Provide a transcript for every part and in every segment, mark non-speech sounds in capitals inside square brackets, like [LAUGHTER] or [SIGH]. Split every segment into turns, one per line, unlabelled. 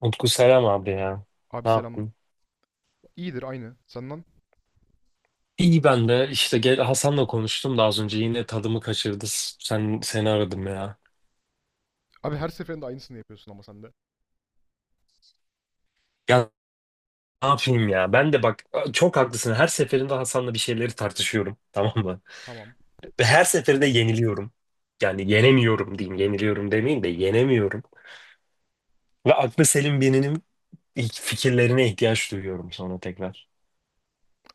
Utku selam abi ya.
Abi
Ne
selam.
yaptın?
İyidir aynı. Senden.
İyi ben de işte gel Hasan'la konuştum da az önce yine tadımı kaçırdı. Seni aradım ya.
Abi her seferinde aynısını yapıyorsun ama sen de.
Ya ne yapayım ya? Ben de bak çok haklısın. Her seferinde Hasan'la bir şeyleri tartışıyorum. [LAUGHS] Tamam mı?
Tamam.
Ve her seferinde yeniliyorum. Yani yenemiyorum diyeyim. Yeniliyorum demeyeyim de yenemiyorum. Ve aklı selim birinin fikirlerine ihtiyaç duyuyorum sonra tekrar.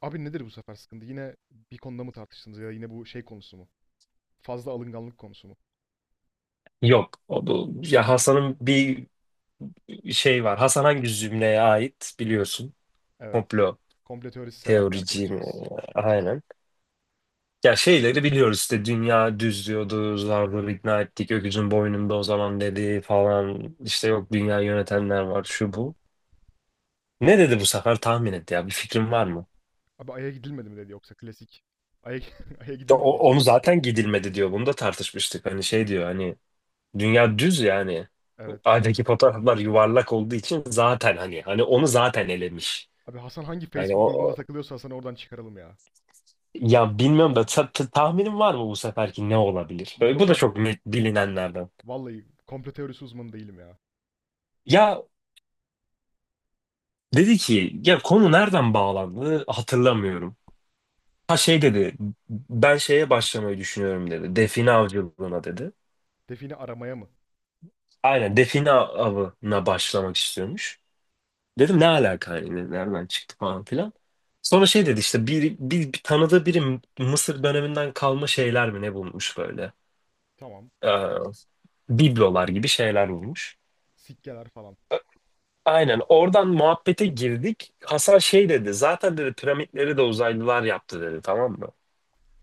Abi nedir bu sefer sıkıntı? Yine bir konuda mı tartıştınız ya da yine bu şey konusu mu? Fazla alınganlık konusu mu?
Yok. O, ya Hasan'ın bir şey var. Hasan hangi cümleye ait biliyorsun.
Evet.
Komplo
Komplo teorisi sever bir
teoriciyim.
arkadaşımız.
Aynen. Ya şeyleri biliyoruz işte dünya düz diyordu, zarları ikna ettik, öküzün boynunda o zaman dedi falan. İşte yok dünya yönetenler var şu bu. Ne dedi bu sefer tahmin et ya bir fikrin var mı?
Abi Ay'a gidilmedi mi dedi yoksa klasik. Ay'a, [LAUGHS] Ay'a
Ya
gidilmedi
onu
mi?
zaten gidilmedi diyor. Bunu da tartışmıştık. Hani şey diyor hani dünya düz yani.
Evet.
Aydaki fotoğraflar yuvarlak olduğu için zaten hani onu zaten elemiş.
Abi Hasan hangi
Yani
Facebook grubunda takılıyorsa Hasan'ı oradan çıkaralım ya.
ya bilmiyorum da tahminin var mı bu seferki ne olabilir? Böyle, bu
Yok
da
abi.
çok net bilinenlerden.
Vallahi komplo teorisi uzmanı değilim ya.
Ya dedi ki ya konu nereden bağlandı hatırlamıyorum. Ha şey dedi ben şeye başlamayı düşünüyorum dedi. Define avcılığına dedi.
Defini aramaya mı?
Aynen define avına başlamak istiyormuş. Dedim ne alaka hani nereden çıktı falan filan. Sonra şey dedi işte bir tanıdığı biri Mısır döneminden kalma şeyler mi ne bulmuş böyle.
Tamam.
Ee, Biblolar gibi şeyler bulmuş.
Sikkeler falan.
Aynen oradan muhabbete girdik. Hasan şey dedi zaten dedi piramitleri de uzaylılar yaptı dedi tamam mı?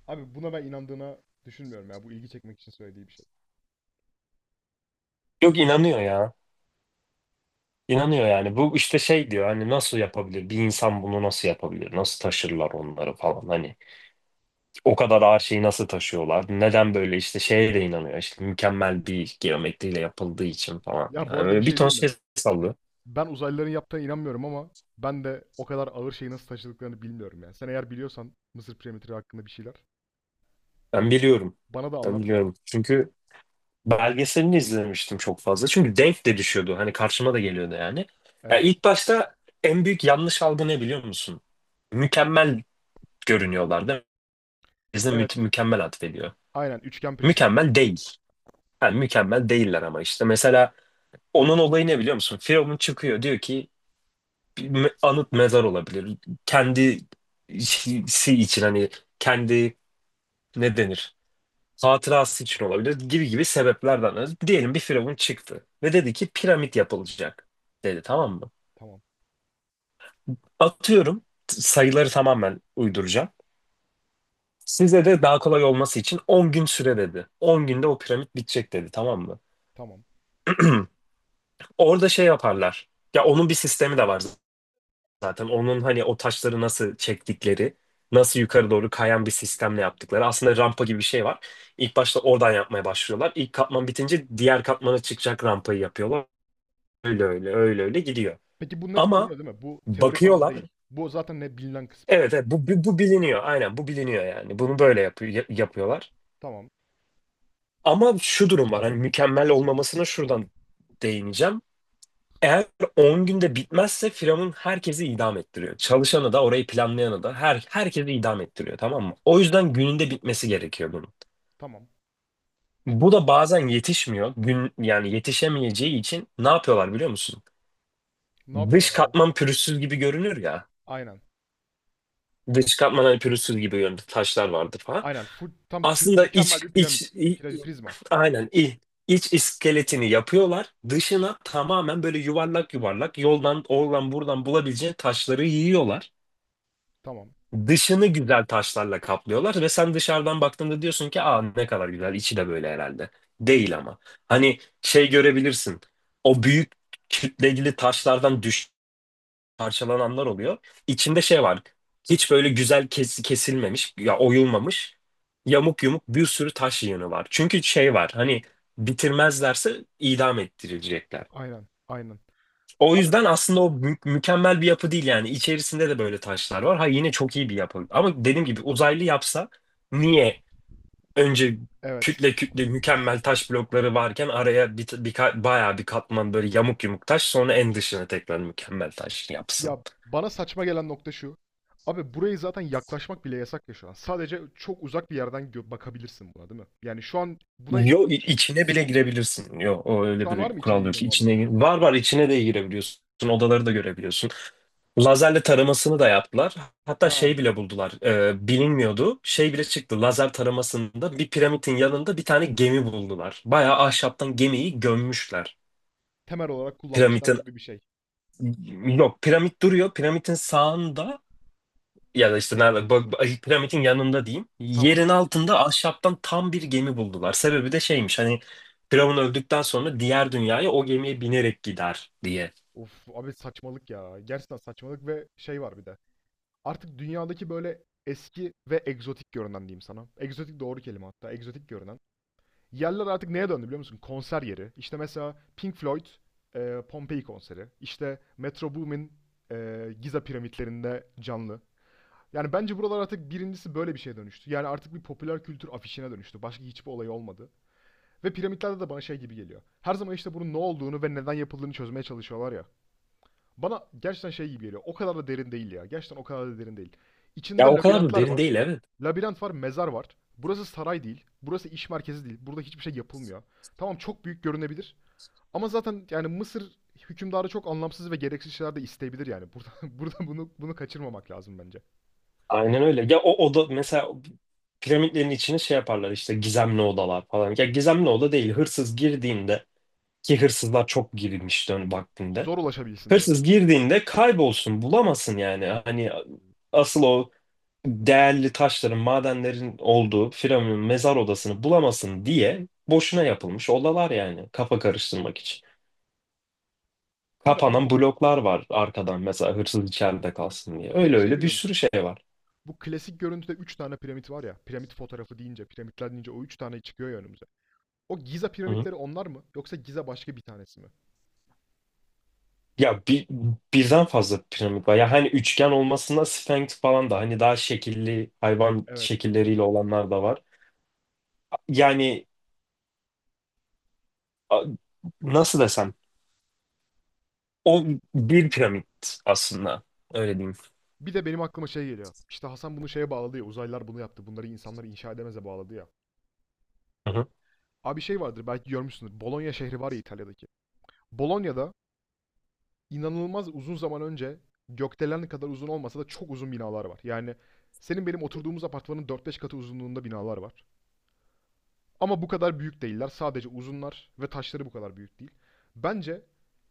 Abi buna ben inandığına düşünmüyorum ya. Bu ilgi çekmek için söylediği bir şey.
Yok inanıyor ya. İnanıyor yani. Bu işte şey diyor hani nasıl yapabilir? Bir insan bunu nasıl yapabilir? Nasıl taşırlar onları falan hani. O kadar ağır şeyi nasıl taşıyorlar? Neden böyle işte şeye de inanıyor. İşte mükemmel bir geometriyle yapıldığı için falan.
Ya bu
Yani
arada bir
böyle bir
şey
ton
diyeyim mi?
şey sallıyor.
Ben uzaylıların yaptığına inanmıyorum ama ben de o kadar ağır şeyi nasıl taşıdıklarını bilmiyorum yani. Sen eğer biliyorsan Mısır piramitleri hakkında bir şeyler
Ben biliyorum.
bana da
Ben
anlat ya.
biliyorum. Çünkü belgeselini izlemiştim çok fazla. Çünkü denk de düşüyordu. Hani karşıma da geliyordu yani. Ya
Evet.
ilk başta en büyük yanlış algı ne biliyor musun? Mükemmel görünüyorlar değil mi? Bize
Evet.
mükemmel atfediyor.
Aynen üçgen prizma.
Mükemmel değil. Yani mükemmel değiller ama işte mesela onun olayı ne biliyor musun? Firavun çıkıyor diyor ki bir anıt mezar olabilir. Kendisi için hani kendi ne denir? Hatırası için olabilir gibi gibi sebeplerden ötürü. Diyelim bir Firavun çıktı ve dedi ki piramit yapılacak dedi tamam mı?
Tamam.
Atıyorum sayıları tamamen uyduracağım. Size de daha kolay olması için 10 gün süre dedi. 10 günde o piramit bitecek dedi tamam mı?
Tamam.
Orada şey yaparlar. Ya onun bir sistemi de var zaten onun hani o taşları nasıl çektikleri, nasıl yukarı doğru kayan bir sistemle yaptıkları. Aslında rampa gibi bir şey var. İlk başta oradan yapmaya başlıyorlar. İlk katman bitince diğer katmana çıkacak rampayı yapıyorlar. Öyle öyle öyle öyle gidiyor.
Peki bu net
Ama
biliniyor değil mi? Bu teori falan
bakıyorlar.
değil. Bu zaten ne bilinen kısmı.
Evet, evet bu biliniyor. Aynen bu biliniyor yani. Bunu böyle yapıyor, yapıyorlar.
Tamam.
Ama şu durum var. Hani mükemmel olmamasına şuradan değineceğim. Eğer 10 günde bitmezse Firavun herkesi idam ettiriyor. Çalışanı da orayı planlayanı da herkesi idam ettiriyor tamam mı? O yüzden gününde bitmesi gerekiyor bunun.
Tamam.
Bu da bazen yetişmiyor. Gün yani yetişemeyeceği için ne yapıyorlar biliyor musun?
Ne
Dış
yapıyorlar abi?
katman pürüzsüz gibi görünür ya.
Aynen.
Dış katman hani pürüzsüz gibi görünür. Taşlar vardır falan.
Aynen. Full, tam pü-
Aslında
mükemmel
iç
bir piramit.
iç i-
Pri-
i-
Prizma.
aynen i- iç iskeletini yapıyorlar. Dışına tamamen böyle yuvarlak yuvarlak yoldan oradan buradan bulabileceğin taşları yiyorlar.
Tamam.
Dışını güzel taşlarla kaplıyorlar ve sen dışarıdan baktığında diyorsun ki aa ne kadar güzel içi de böyle herhalde. Değil ama. Hani şey görebilirsin. O büyük kütleli taşlardan düş parçalananlar oluyor. İçinde şey var. Hiç böyle güzel kesilmemiş ya oyulmamış. Yamuk yumuk bir sürü taş yığını var. Çünkü şey var. Hani bitirmezlerse idam ettirilecekler.
Aynen. Aynen.
O
Abi
yüzden aslında o mükemmel bir yapı değil yani. İçerisinde de böyle taşlar var. Ha yine çok iyi bir yapı. Ama dediğim gibi uzaylı yapsa niye önce
evet.
kütle kütle mükemmel taş blokları varken araya bir bayağı bir katman böyle yamuk yumuk taş sonra en dışına tekrar mükemmel taş yapsın.
Ya bana saçma gelen nokta şu. Abi burayı zaten yaklaşmak bile yasak ya şu an. Sadece çok uzak bir yerden bakabilirsin buna, değil mi? Yani şu an buna
Yo içine bile girebilirsin. Yo o
şu
öyle
an var
bir
mı içine
kural
girme
yok.
muhabbeti?
İçine var, içine de girebiliyorsun. Odaları da görebiliyorsun. Lazerle taramasını da yaptılar. Hatta
Ha,
şey bile buldular. Bilinmiyordu. Şey bile çıktı. Lazer taramasında bir piramidin yanında bir tane gemi buldular. Bayağı ahşaptan gemiyi gömmüşler.
temel olarak kullanmışlar
Piramidin
gibi bir şey.
yok, piramit duruyor. Piramidin sağında ya da işte nerede piramidin yanında diyeyim.
Tamam.
Yerin altında ahşaptan tam bir gemi buldular. Sebebi de şeymiş hani Firavun öldükten sonra diğer dünyaya o gemiye binerek gider diye.
Of abi saçmalık ya. Gerçekten saçmalık ve şey var bir de. Artık dünyadaki böyle eski ve egzotik görünen diyeyim sana. Egzotik doğru kelime hatta. Egzotik görünen yerler artık neye döndü biliyor musun? Konser yeri. İşte mesela Pink Floyd Pompei konseri. İşte Metro Boomin Giza piramitlerinde canlı. Yani bence buralar artık birincisi böyle bir şeye dönüştü. Yani artık bir popüler kültür afişine dönüştü. Başka hiçbir olay olmadı. Ve piramitlerde de bana şey gibi geliyor. Her zaman işte bunun ne olduğunu ve neden yapıldığını çözmeye çalışıyorlar ya. Bana gerçekten şey gibi geliyor. O kadar da derin değil ya. Gerçekten o kadar da derin değil.
Ya
İçinde
o kadar da
labirentler
derin
var.
değil evet.
Labirent var, mezar var. Burası saray değil. Burası iş merkezi değil. Burada hiçbir şey yapılmıyor. Tamam, çok büyük görünebilir. Ama zaten yani Mısır hükümdarı çok anlamsız ve gereksiz şeyler de isteyebilir yani. Burada, [LAUGHS] burada bunu kaçırmamak lazım bence.
Aynen öyle. Ya o oda mesela piramitlerin içine şey yaparlar işte gizemli odalar falan. Ya gizemli oda değil. Hırsız girdiğinde ki hırsızlar çok girilmişti ön vaktinde.
Zor ulaşabilsin diye.
Hırsız girdiğinde kaybolsun, bulamasın yani. Hani asıl o değerli taşların, madenlerin olduğu piramidin mezar odasını bulamasın diye boşuna yapılmış odalar yani kafa karıştırmak için.
Abi ama
Kapanan bloklar var arkadan mesela hırsız içeride kalsın diye. Öyle
peki şey
öyle bir
biliyor
sürü
musun?
şey var.
Bu klasik görüntüde 3 tane piramit var ya. Piramit fotoğrafı deyince, piramitler deyince o 3 tane çıkıyor ya önümüze. O Giza piramitleri onlar mı? Yoksa Giza başka bir tanesi mi?
Ya birden fazla piramit var. Ya hani üçgen olmasına sphinx falan da hani daha şekilli hayvan
Evet.
şekilleriyle olanlar da var. Yani a- nasıl desem o bir piramit aslında öyle diyeyim.
Bir de benim aklıma şey geliyor. İşte Hasan bunu şeye bağladı ya. Uzaylılar bunu yaptı. Bunları insanlar inşa edemeze bağladı ya.
Hı hı.
Abi şey vardır belki görmüşsündür. Bologna şehri var ya İtalya'daki. Bologna'da inanılmaz uzun zaman önce gökdelen kadar uzun olmasa da çok uzun binalar var. Yani senin benim oturduğumuz apartmanın 4-5 katı uzunluğunda binalar var. Ama bu kadar büyük değiller. Sadece uzunlar ve taşları bu kadar büyük değil. Bence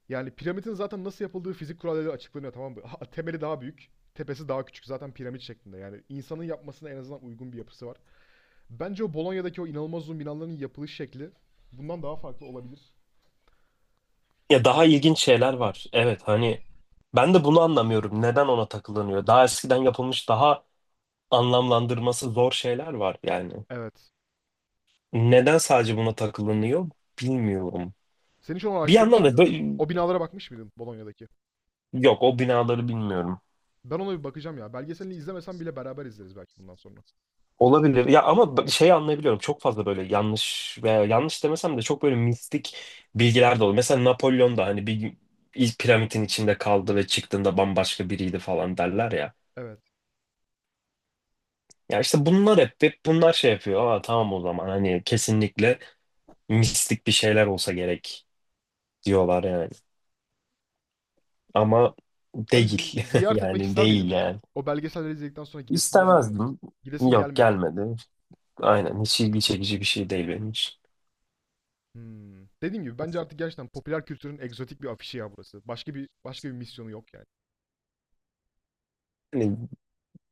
yani piramidin zaten nasıl yapıldığı fizik kuralları açıklanıyor, tamam mı? Temeli daha büyük, tepesi daha küçük. Zaten piramit şeklinde. Yani insanın yapmasına en azından uygun bir yapısı var. Bence o Bolonya'daki o inanılmaz uzun binaların yapılış şekli bundan daha farklı olabilir.
Ya daha ilginç şeyler var. Evet hani ben de bunu anlamıyorum. Neden ona takılanıyor? Daha eskiden yapılmış daha anlamlandırması zor şeyler var yani.
Evet.
Neden sadece buna takılanıyor bilmiyorum.
Sen hiç onu
Bir
araştırmış
yandan da
mıydın?
böyle-
O binalara bakmış mıydın Bolonya'daki?
yok o binaları bilmiyorum.
Ben ona bir bakacağım ya. Belgeselini izlemesem bile beraber izleriz belki bundan sonra.
Olabilir. Ya ama şey anlayabiliyorum. Çok fazla böyle yanlış veya yanlış demesem de çok böyle mistik bilgiler de oluyor. Mesela Napolyon da hani bir gün ilk piramidin içinde kaldı ve çıktığında bambaşka biriydi falan derler ya.
Evet.
Ya işte bunlar hep bunlar şey yapıyor. Aa tamam o zaman hani kesinlikle mistik bir şeyler olsa gerek diyorlar yani. Ama
Abi
değil. [LAUGHS]
ziyaret etmek
Yani
ister miydin
değil
peki?
yani.
O belgeselleri izledikten sonra gidesin geldi mi?
İstemezdim.
Gidesin
Yok
gelmedi.
gelmedi. Aynen hiç ilgi çekici bir şey değil benim için.
Hmm. Dediğim gibi bence artık gerçekten popüler kültürün egzotik bir afişi ya burası. Başka bir başka bir misyonu yok yani.
Hani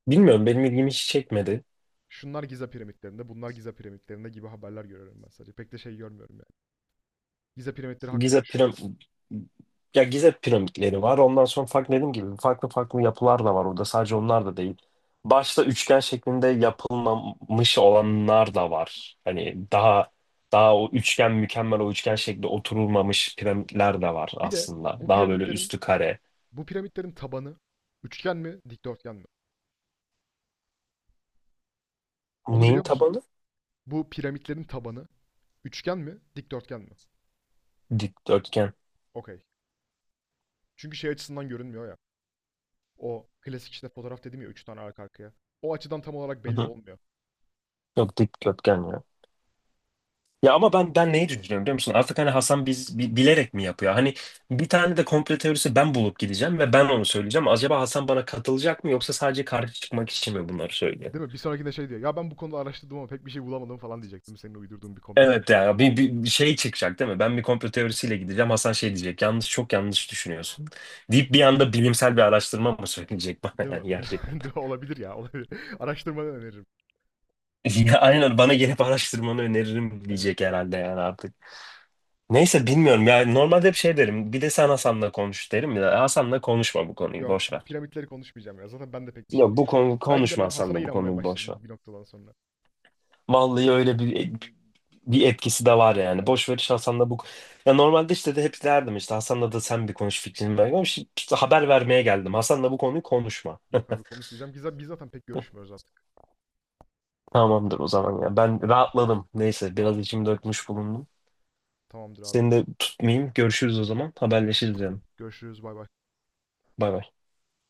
bilmiyorum benim ilgimi hiç çekmedi.
Şunlar Giza piramitlerinde, bunlar Giza piramitlerinde gibi haberler görüyorum ben sadece. Pek de şey görmüyorum yani. Giza piramitleri hakkında
Gize
şu.
piram ya Gize piramitleri var. Ondan sonra farklı dediğim gibi farklı farklı yapılar da var orada. Sadece onlar da değil. Başta üçgen şeklinde yapılmamış olanlar da var. Hani daha o üçgen mükemmel o üçgen
Evet.
şekli oturulmamış piramitler de var
Bir de
aslında.
bu
Daha böyle
piramitlerin
üstü kare.
bu piramitlerin tabanı üçgen mi, dikdörtgen mi? Onu
Neyin
biliyor musun?
tabanı?
Bu piramitlerin tabanı üçgen mi, dikdörtgen mi?
Dikdörtgen.
Okey. Çünkü şey açısından görünmüyor ya. O klasik işte fotoğraf dedim ya üç tane arka arkaya. O açıdan tam olarak
Hı
belli
hı.
olmuyor.
Yok dikdörtgen ya. Ya ama ben neyi düşünüyorum biliyor musun? Artık hani Hasan biz bilerek mi yapıyor? Hani bir tane de komplo teorisi ben bulup gideceğim ve ben onu söyleyeceğim. Acaba Hasan bana katılacak mı yoksa sadece karşı çıkmak için mi bunları söylüyor?
Değil mi? Bir sonrakinde şey diyor. Ya ben bu konuda araştırdım ama pek bir şey bulamadım falan diyecektim. Senin uydurduğun bir komplo
Evet
teorisi için.
ya bir [LAUGHS] şey çıkacak değil mi? Ben bir komplo teorisiyle gideceğim. Hasan şey diyecek. Yanlış çok yanlış düşünüyorsun. Deyip bir anda bilimsel bir araştırma mı söyleyecek bana [LAUGHS]
Değil mi?
yani gerçekten.
[LAUGHS] Değil mi? Olabilir ya. Olabilir. [LAUGHS] Araştırmanı öneririm.
Ya aynen bana gelip araştırmanı öneririm
Evet.
diyecek herhalde yani artık. Neyse bilmiyorum ya normalde hep şey derim. Bir de sen Hasan'la konuş derim ya. Hasan'la konuşma bu konuyu
Yok
boş
bu
ver.
piramitleri konuşmayacağım ya. Zaten ben de pek bir şey
Yok bu
bilmiyorum.
konu
Belki de ben
konuşmasan
Hasan'a
da bu
inanmaya
konuyu boş ver.
başladım bir noktadan sonra.
Vallahi öyle bir etkisi de var yani.
Evet.
Boş ver işte Hasan'la bu. Ya normalde işte de hep derdim işte Hasan'la da sen bir konuş fikrini ver. Ama şimdi işte haber vermeye geldim. Hasan'la bu konuyu konuşma.
Yok abi konuşmayacağım. Biz zaten pek görüşmüyoruz artık.
Tamamdır o zaman ya. Ben
Tamamdır.
rahatladım. Neyse biraz
Tamamdır.
içimi dökmüş bulundum.
Tamamdır abi.
Seni de tutmayayım. Görüşürüz o zaman.
Görüş,
Haberleşiriz yani.
Görüşürüz. Bay bay.
Bay bay.